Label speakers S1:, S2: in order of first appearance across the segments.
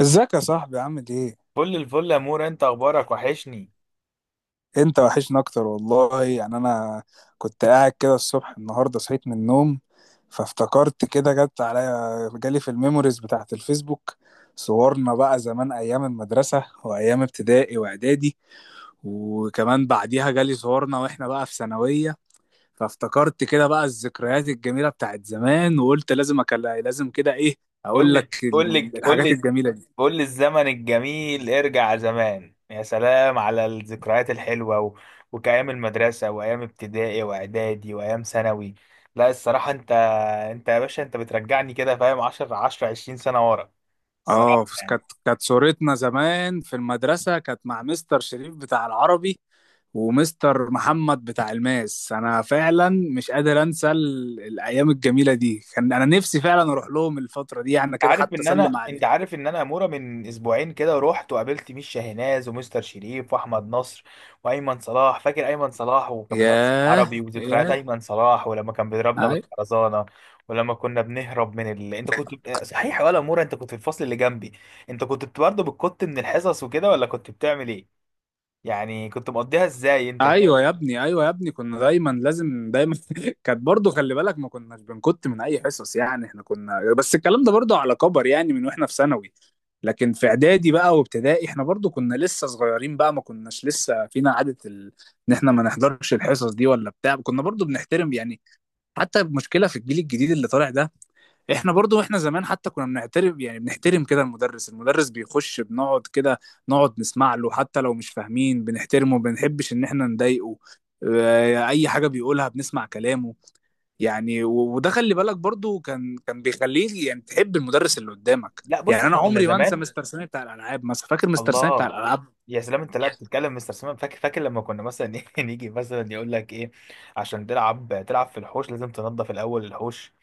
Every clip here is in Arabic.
S1: ازيك يا صاحبي، عامل ايه؟
S2: فل الفل يا مور، انت اخبارك وحشني.
S1: انت وحشنا اكتر والله. يعني انا كنت قاعد كده الصبح النهارده، صحيت من النوم فافتكرت كده، جت عليا، جالي في الميموريز بتاعت الفيسبوك صورنا بقى زمان ايام المدرسة وايام ابتدائي واعدادي، وكمان بعديها جالي صورنا واحنا بقى في ثانوية. فافتكرت كده بقى الذكريات الجميلة بتاعت زمان، وقلت لازم اكلم، لازم كده ايه،
S2: قول
S1: اقول لك
S2: لي قول لي قول
S1: الحاجات
S2: لي
S1: الجميلة دي.
S2: قول لي الزمن الجميل، ارجع زمان. يا سلام على الذكريات الحلوة وكأيام المدرسة وأيام ابتدائي وإعدادي وأيام ثانوي. لا، الصراحة انت، انت يا باشا بترجعني كده فاهم 10 10 20 سنة ورا،
S1: اه،
S2: الصراحة يعني.
S1: كانت صورتنا زمان في المدرسة كانت مع مستر شريف بتاع العربي ومستر محمد بتاع الماس. انا فعلا مش قادر انسى الايام الجميلة دي، كان انا نفسي فعلا اروح لهم الفترة دي يعني كده، حتى اسلم عليهم.
S2: عارف ان انا، اموره، من اسبوعين كده رحت وقابلت ميشا هناز ومستر شريف واحمد نصر وايمن صلاح. فاكر ايمن صلاح؟ وكان مدرس
S1: ياه
S2: عربي، وذكريات
S1: ياه.
S2: ايمن صلاح ولما كان بيضربنا
S1: أيوه.
S2: بالخرزانه. ولما كنا بنهرب من انت كنت صحيح يا ولا اموره؟ انت كنت في الفصل اللي جنبي، انت كنت برضه بتكت من الحصص وكده ولا كنت بتعمل ايه؟ يعني كنت مقضيها ازاي انت كده؟
S1: ايوه يا ابني، ايوه يا ابني، كنا دايما لازم دايما كانت برضو. خلي بالك، ما كناش بنكت من اي حصص، يعني احنا كنا، بس الكلام ده برضو على كبر، يعني من واحنا في ثانوي. لكن في اعدادي بقى وابتدائي احنا برضو كنا لسه صغيرين بقى، ما كناش لسه فينا عادة ال... ان احنا ما نحضرش الحصص دي ولا بتاع، كنا برضو بنحترم يعني. حتى المشكلة في الجيل الجديد اللي طالع ده، احنا برضو، احنا زمان حتى كنا بنعترف يعني، بنحترم كده المدرس. المدرس بيخش بنقعد كده نقعد نسمع له، حتى لو مش فاهمين بنحترمه، بنحبش ان احنا نضايقه. اي حاجة بيقولها بنسمع كلامه. يعني وده، خلي بالك برضو، كان بيخليه يعني تحب المدرس اللي قدامك.
S2: لا
S1: يعني
S2: بص،
S1: انا
S2: احنا كنا
S1: عمري ما انسى
S2: زمان،
S1: مستر سامي بتاع الالعاب مثلا، فاكر مستر سامي بتاع
S2: الله.
S1: الالعاب؟
S2: يا سلام، انت لا بتتكلم مستر سيمان، فاكر فاكر لما كنا مثلا ايه، نيجي مثلا يقول لك ايه. عشان تلعب، تلعب في الحوش لازم تنظف الاول الحوش.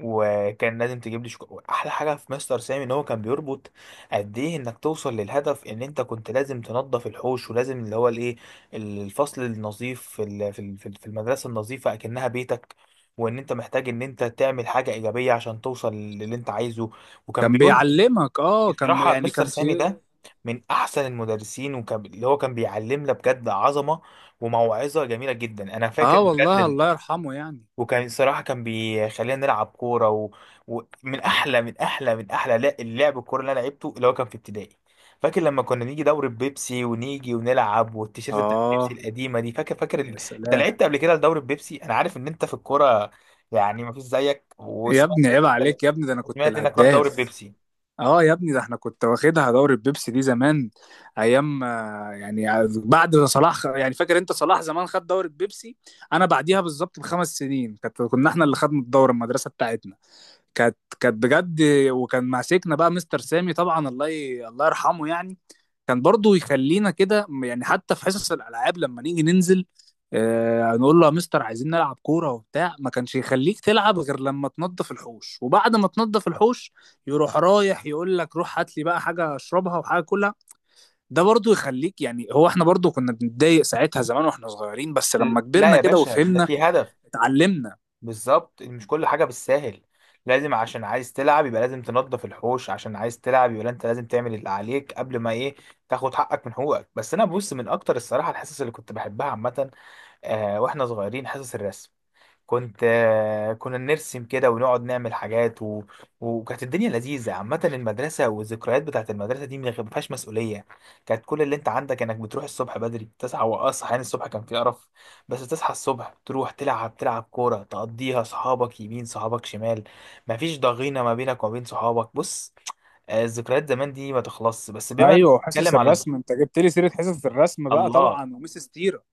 S2: وكان لازم تجيب لي احلى حاجه في مستر سامي ان هو كان بيربط قد ايه انك توصل للهدف. ان انت كنت لازم تنظف الحوش، ولازم اللي هو الايه، الفصل النظيف في المدرسه النظيفه اكنها بيتك. وان انت محتاج ان انت تعمل حاجه ايجابيه عشان توصل للي انت عايزه، وكان
S1: كان
S2: بيربط.
S1: بيعلمك، اه، كان
S2: بصراحة
S1: يعني
S2: مستر
S1: كان
S2: سامي
S1: شيء.
S2: ده من أحسن المدرسين، وكان اللي هو كان بيعلمنا بجد، عظمة وموعظة جميلة جدا. أنا فاكر
S1: اه
S2: بجد
S1: والله، الله يرحمه يعني.
S2: وكان الصراحة كان بيخلينا نلعب كورة، ومن و... ومن أحلى من أحلى من أحلى لا اللعب الكورة اللي أنا لعبته اللي هو كان في ابتدائي. فاكر لما كنا نيجي دوري بيبسي ونيجي ونلعب، والتيشيرت بتاع بيبسي
S1: اه.
S2: القديمة دي، فاكر.
S1: يا
S2: أنت
S1: سلام.
S2: لعبت قبل كده لدوري بيبسي؟ أنا عارف إن أنت في الكورة، يعني مفيش زيك،
S1: يا
S2: وسمعت
S1: ابني
S2: إن
S1: عيب
S2: أنت،
S1: عليك يا ابني، ده انا كنت
S2: سمعت إنك رحت دوري
S1: الهداف.
S2: بيبسي.
S1: اه يا ابني، ده احنا كنت واخدها دوري البيبسي دي زمان. ايام يعني بعد ما صلاح يعني فاكر انت صلاح زمان خد دوري البيبسي. انا بعديها بالظبط ب5 سنين، كانت كنا احنا اللي خدنا الدوري، المدرسه بتاعتنا كانت بجد. وكان ماسكنا بقى مستر سامي طبعا. الله الله يرحمه يعني. كان برضو يخلينا كده، يعني حتى في حصص الالعاب لما نيجي ننزل، آه نقول له يا مستر عايزين نلعب كوره وبتاع، ما كانش يخليك تلعب غير لما تنضف الحوش، وبعد ما تنضف الحوش، يروح رايح يقول لك روح هات لي بقى حاجه اشربها وحاجه كلها. ده برضو يخليك يعني، هو احنا برضو كنا بنتضايق ساعتها زمان واحنا صغيرين، بس لما
S2: لا
S1: كبرنا
S2: يا
S1: كده
S2: باشا، ده
S1: وفهمنا،
S2: في هدف
S1: اتعلمنا.
S2: بالظبط. مش كل حاجة بالساهل، لازم عشان عايز تلعب يبقى لازم تنظف الحوش، عشان عايز تلعب يبقى انت لازم تعمل اللي عليك قبل ما ايه، تاخد حقك من حقوقك. بس انا بص، من اكتر الصراحة الحصص اللي كنت بحبها عامة، آه، واحنا صغيرين، حصص الرسم. كنت آه، كنا نرسم كده ونقعد نعمل حاجات. وكانت الدنيا لذيذة عامة. المدرسة والذكريات بتاعت المدرسة دي ما فيهاش مسؤولية. كانت كل اللي انت عندك انك بتروح الصبح بدري، تصحى وأصحى. يعني الصبح كان في قرف، بس تصحى الصبح تروح تلعب، تلعب كورة، تقضيها صحابك يمين صحابك شمال. مفيش ضغينة ما بينك وما بين صحابك. بص، آه، الذكريات زمان دي ما تخلصش. بس بما إنك
S1: ايوه، حصص
S2: بتتكلم على،
S1: الرسم، انت جبت لي سيره حصص الرسم بقى
S2: الله،
S1: طبعا، وميس ستيره.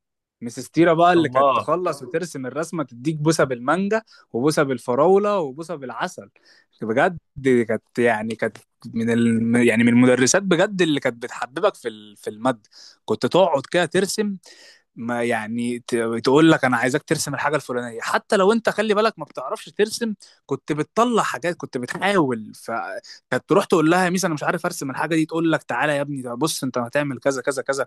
S1: ميس ستيره بقى اللي كانت
S2: الله.
S1: تخلص وترسم الرسمه تديك بوسه بالمانجا وبوسه بالفراوله وبوسه بالعسل. بجد دي كانت يعني كانت من ال... يعني من المدرسات بجد اللي كانت بتحببك في ال... في الماده. كنت تقعد كده ترسم. ما يعني تقول لك انا عايزاك ترسم الحاجه الفلانيه، حتى لو انت، خلي بالك، ما بتعرفش ترسم. كنت بتطلع حاجات، كنت بتحاول، فكانت تروح تقول لها يا ميس انا مش عارف ارسم الحاجه دي، تقول لك تعالى يا ابني، ده بص انت هتعمل كذا كذا كذا.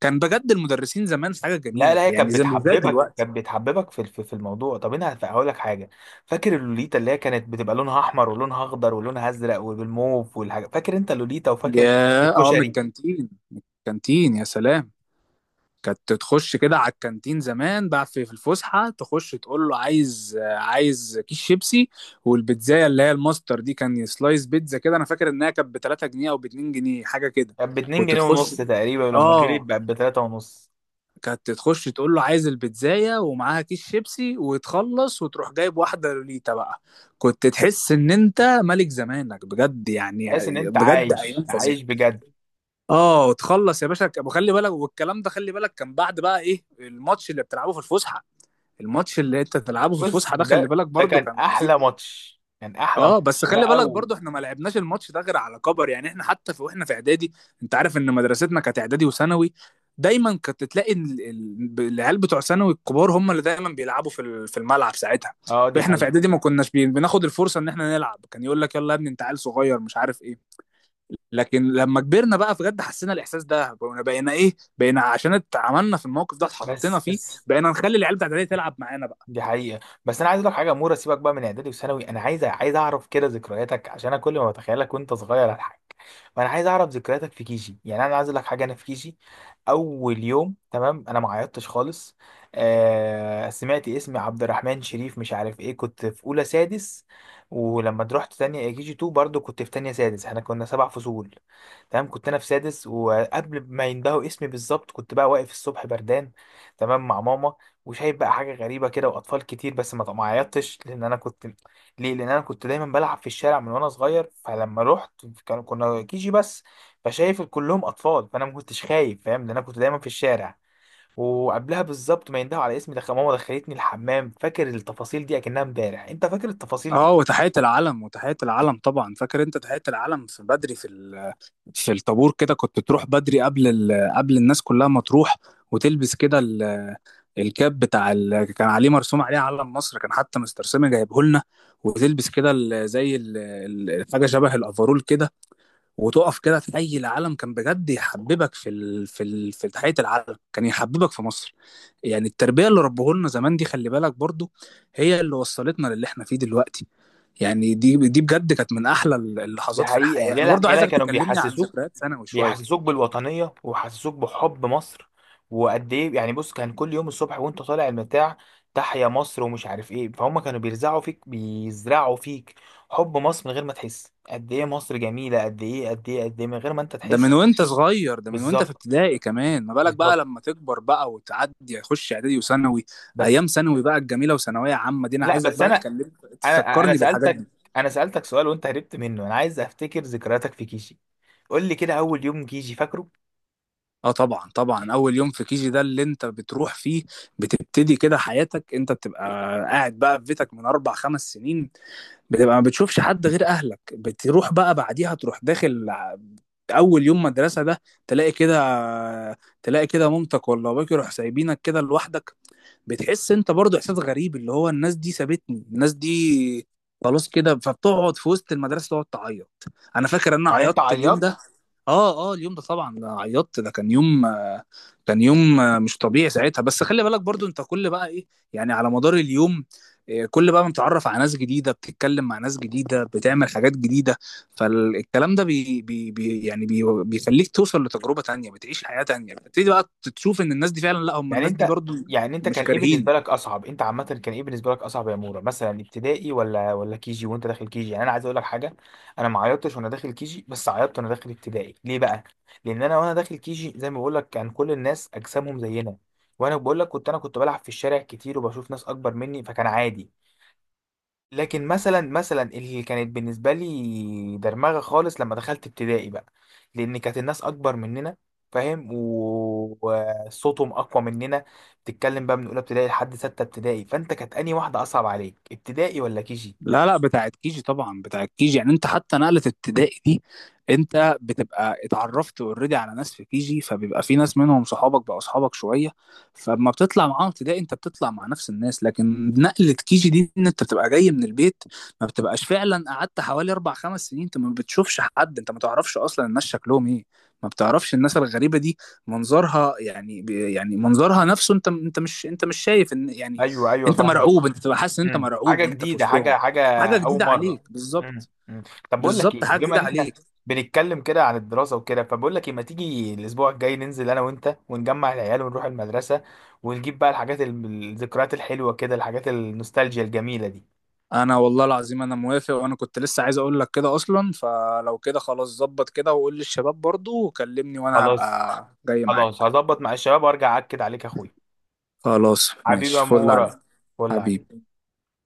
S1: كان بجد المدرسين زمان حاجه
S2: لا لا،
S1: جميله
S2: هي
S1: يعني،
S2: كانت
S1: زي مش زي
S2: بتحببك،
S1: دلوقتي.
S2: كانت بتحببك في الموضوع. طب انا هقول لك حاجه، فاكر اللوليتا اللي هي كانت بتبقى لونها احمر ولونها اخضر ولونها ازرق والموف والحاجه، فاكر انت اللوليتا؟ وفاكر
S1: يا اه، من
S2: الكشري؟
S1: الكانتين. كانتين، يا سلام. كانت تخش كده على الكانتين زمان بقى في الفسحه، تخش تقول له عايز، عايز كيس شيبسي. والبيتزايه اللي هي الماستر دي، كان سلايس بيتزا كده. انا فاكر انها كانت ب 3 جنيه او ب 2 جنيه، حاجه كده.
S2: كانت ب 2
S1: كنت
S2: جنيه
S1: تخش،
S2: ونص تقريبا، ولما غليت
S1: اه،
S2: بقت ب 3 ونص.
S1: كانت تخش تقول له عايز البيتزايه ومعاها كيس شيبسي، وتخلص وتروح جايب واحده لوليتا بقى. كنت تحس ان انت ملك زمانك بجد يعني.
S2: تحس ان انت
S1: بجد، ايام
S2: عايش،
S1: فظيعه.
S2: عايش بجد.
S1: اه، تخلص يا باشا، وخلي بالك، والكلام ده خلي بالك، كان بعد بقى ايه الماتش اللي بتلعبه في الفسحه. الماتش اللي انت بتلعبه في
S2: بص،
S1: الفسحه ده، خلي
S2: ده
S1: بالك
S2: ده
S1: برضو،
S2: كان
S1: كان عظيم.
S2: احلى ماتش، كان احلى
S1: اه، بس
S2: ماتش
S1: خلي
S2: بقى
S1: بالك برضو احنا ما لعبناش الماتش ده غير على كبر. يعني احنا حتى في واحنا في اعدادي، انت عارف ان مدرستنا كانت اعدادي وثانوي، دايما كنت تلاقي العيال بتوع ثانوي الكبار هم اللي دايما بيلعبوا في في الملعب ساعتها.
S2: اه، دي
S1: واحنا في
S2: حقيقه.
S1: اعدادي ما كناش بناخد الفرصه ان احنا نلعب، كان يقول لك يلا يا ابني انت عيل صغير مش عارف ايه. لكن لما كبرنا بقى بجد حسينا الاحساس ده، بقينا عشان اتعاملنا في الموقف ده، اتحطينا
S2: بس
S1: فيه،
S2: بس،
S1: بقينا نخلي العيال بتاعت اعدادي تلعب معانا بقى.
S2: دي حقيقة. بس أنا عايز أقول لك حاجة يا مورا، سيبك بقى من إعدادي وثانوي، أنا عايز عايز أعرف كده ذكرياتك، عشان أنا كل ما بتخيلك وأنت صغير أضحك. فأنا عايز أعرف ذكرياتك في كيجي. يعني أنا عايز أقول لك حاجة، أنا في كيجي، أول يوم تمام، أنا ما عيطتش خالص. آه، سمعت اسمي عبد الرحمن شريف مش عارف إيه، كنت في أولى سادس. ولما رحت تانية كيجي 2، برضه كنت في تانية سادس، إحنا كنا سبع فصول تمام. كنت انا في سادس، وقبل ما يندهوا اسمي بالظبط كنت بقى واقف الصبح بردان تمام مع ماما، وشايف بقى حاجه غريبه كده واطفال كتير. بس ما عيطتش لان انا كنت، ليه؟ لان انا كنت دايما بلعب في الشارع من وانا صغير. فلما رحت، كانوا كنا كيجي بس، فشايف كلهم اطفال، فانا ما كنتش خايف، فاهم؟ لان انا كنت دايما في الشارع. وقبلها بالظبط ما يندهوا على اسمي، دخل ماما دخلتني الحمام، فاكر التفاصيل دي اكنها امبارح. انت فاكر التفاصيل
S1: اه،
S2: دي؟
S1: وتحيه العلم طبعا، فاكر انت تحيه العلم في بدري في ال... في الطابور كده. كنت تروح بدري قبل ال... قبل الناس كلها ما تروح، وتلبس كده ال... الكاب بتاع ال... كان عليه مرسوم عليه علم مصر، كان حتى مستر سامي جايبه لنا. وتلبس كده ال... زي ال... حاجه شبه الافرول كده، وتقف كده تحيي العلم. كان بجد يحببك في ال... في ال... في تحية العلم، كان يحببك في مصر يعني. التربية اللي ربهولنا زمان دي، خلي بالك برضو، هي اللي وصلتنا للي احنا فيه دلوقتي. يعني دي بجد كانت من احلى
S2: دي
S1: اللحظات في
S2: حقيقة،
S1: الحياة. انا
S2: يلا
S1: برضو
S2: يلا
S1: عايزك
S2: كانوا
S1: تكلمني عن
S2: بيحسسوك،
S1: ذكريات ثانوي شوية.
S2: بيحسسوك بالوطنية ويحسسوك بحب مصر. وقد ايه يعني، بص كان كل يوم الصبح وانت طالع المتاع، تحيا مصر ومش عارف ايه. فهم كانوا بيرزعوا فيك، بيزرعوا فيك حب مصر من غير ما تحس قد ايه مصر جميلة، قد ايه قد ايه قد ايه من غير ما انت
S1: ده
S2: تحس.
S1: من وانت صغير، ده من وانت في
S2: بالظبط،
S1: ابتدائي، كمان ما بالك بقى
S2: بالظبط.
S1: لما تكبر بقى وتعدي تخش اعدادي وثانوي.
S2: بس،
S1: ايام ثانوي بقى الجميلة وثانوية عامة دي انا
S2: لا
S1: عايزك
S2: بس
S1: بقى
S2: انا،
S1: تكلم،
S2: انا انا
S1: تفكرني بالحاجات
S2: سألتك
S1: دي.
S2: انا سألتك سؤال وانت هربت منه. انا عايز افتكر ذكرياتك في كيجي، قول لي كده، اول يوم كيجي فاكره؟
S1: اه طبعا، طبعا اول يوم في كيجي ده اللي انت بتروح فيه، بتبتدي كده حياتك. انت بتبقى قاعد بقى في بيتك من 4 5 سنين، بتبقى ما بتشوفش حد غير اهلك. بتروح بقى بعديها تروح داخل اول يوم مدرسة ده، تلاقي كده، تلاقي كده مامتك ولا باباك يروح سايبينك كده لوحدك. بتحس انت برضو احساس غريب اللي هو الناس دي سابتني، الناس دي خلاص كده. فبتقعد في وسط المدرسة تقعد تعيط. انا فاكر ان انا
S2: يعني انت
S1: عيطت اليوم
S2: عيطت؟
S1: ده. اه اه، اليوم ده طبعا عيطت. ده كان يوم كان يوم مش طبيعي ساعتها. بس خلي بالك برضو، انت كل بقى ايه، يعني على مدار اليوم، كل بقى ما بتتعرف على ناس جديدة، بتتكلم مع ناس جديدة، بتعمل حاجات جديدة. فالكلام ده بي بي بي يعني بي بيخليك توصل لتجربة تانية، بتعيش حياة تانية، بتبتدي بقى تشوف ان الناس دي فعلا، لا، هم
S2: يعني
S1: الناس دي
S2: انت
S1: برضو
S2: يعني انت
S1: مش
S2: كان ايه بالنسبه
S1: كارهين.
S2: لك اصعب؟ انت عامه كان ايه بالنسبه لك اصعب يا مورا، مثلا ابتدائي ولا كي جي؟ وانت داخل كي جي، يعني انا عايز اقول لك حاجه، انا ما عيطتش وانا داخل كي جي، بس عيطت وانا داخل ابتدائي. ليه بقى؟ لان انا وانا داخل كي جي، زي ما بقول لك، كان كل الناس اجسامهم زينا. وانا بقول لك كنت انا كنت بلعب في الشارع كتير، وبشوف ناس اكبر مني فكان عادي. لكن مثلا مثلا اللي كانت بالنسبه لي درمغه خالص لما دخلت ابتدائي بقى، لان كانت الناس اكبر مننا، فاهم؟ وصوتهم اقوى مننا. بتتكلم بقى من اولى ابتدائي لحد سته ابتدائي. فانت كانت انهي واحده اصعب عليك، ابتدائي ولا كيجي؟
S1: لا لا، بتاعت كيجي طبعا، بتاعت كيجي. يعني انت حتى نقلة ابتدائي دي انت بتبقى اتعرفت اوريدي على ناس في كيجي، فبيبقى في ناس منهم صحابك، بقوا صحابك شوية. فلما بتطلع معاهم ابتدائي انت بتطلع مع نفس الناس. لكن نقلة كيجي دي ان انت بتبقى جاي من البيت، ما بتبقاش، فعلا قعدت حوالي 4 5 سنين انت ما بتشوفش حد، انت ما تعرفش اصلا الناس شكلهم ايه. ما بتعرفش الناس الغريبة دي، منظرها يعني يعني منظرها نفسه. انت، انت مش شايف ان يعني،
S2: ايوه ايوه
S1: انت
S2: فاهمك.
S1: مرعوب. انت بتبقى حاسس ان انت
S2: مم.
S1: مرعوب
S2: حاجه
S1: وانت في
S2: جديده،
S1: وسطهم.
S2: حاجه،
S1: حاجه
S2: اول
S1: جديده
S2: مره.
S1: عليك
S2: مم.
S1: بالظبط.
S2: مم. طب بقول لك
S1: بالظبط،
S2: ايه،
S1: حاجه
S2: بما
S1: جديده
S2: ان احنا
S1: عليك.
S2: بنتكلم كده عن الدراسه وكده، فبقول لك ايه، ما تيجي الاسبوع الجاي ننزل انا وانت ونجمع العيال ونروح المدرسه، ونجيب بقى الحاجات الذكريات الحلوه كده، الحاجات النوستالجيا الجميله دي.
S1: انا والله العظيم انا موافق، وانا كنت لسه عايز اقول لك كده اصلا. فلو كده خلاص، ظبط كده وقول للشباب برضو وكلمني وانا
S2: خلاص،
S1: هبقى جاي
S2: خلاص
S1: معاك.
S2: هظبط مع الشباب وارجع اكد عليك يا اخويا.
S1: خلاص،
S2: حبيبي يا
S1: ماشي، فل عليك.
S2: مورا، فل عليك.
S1: حبيبي.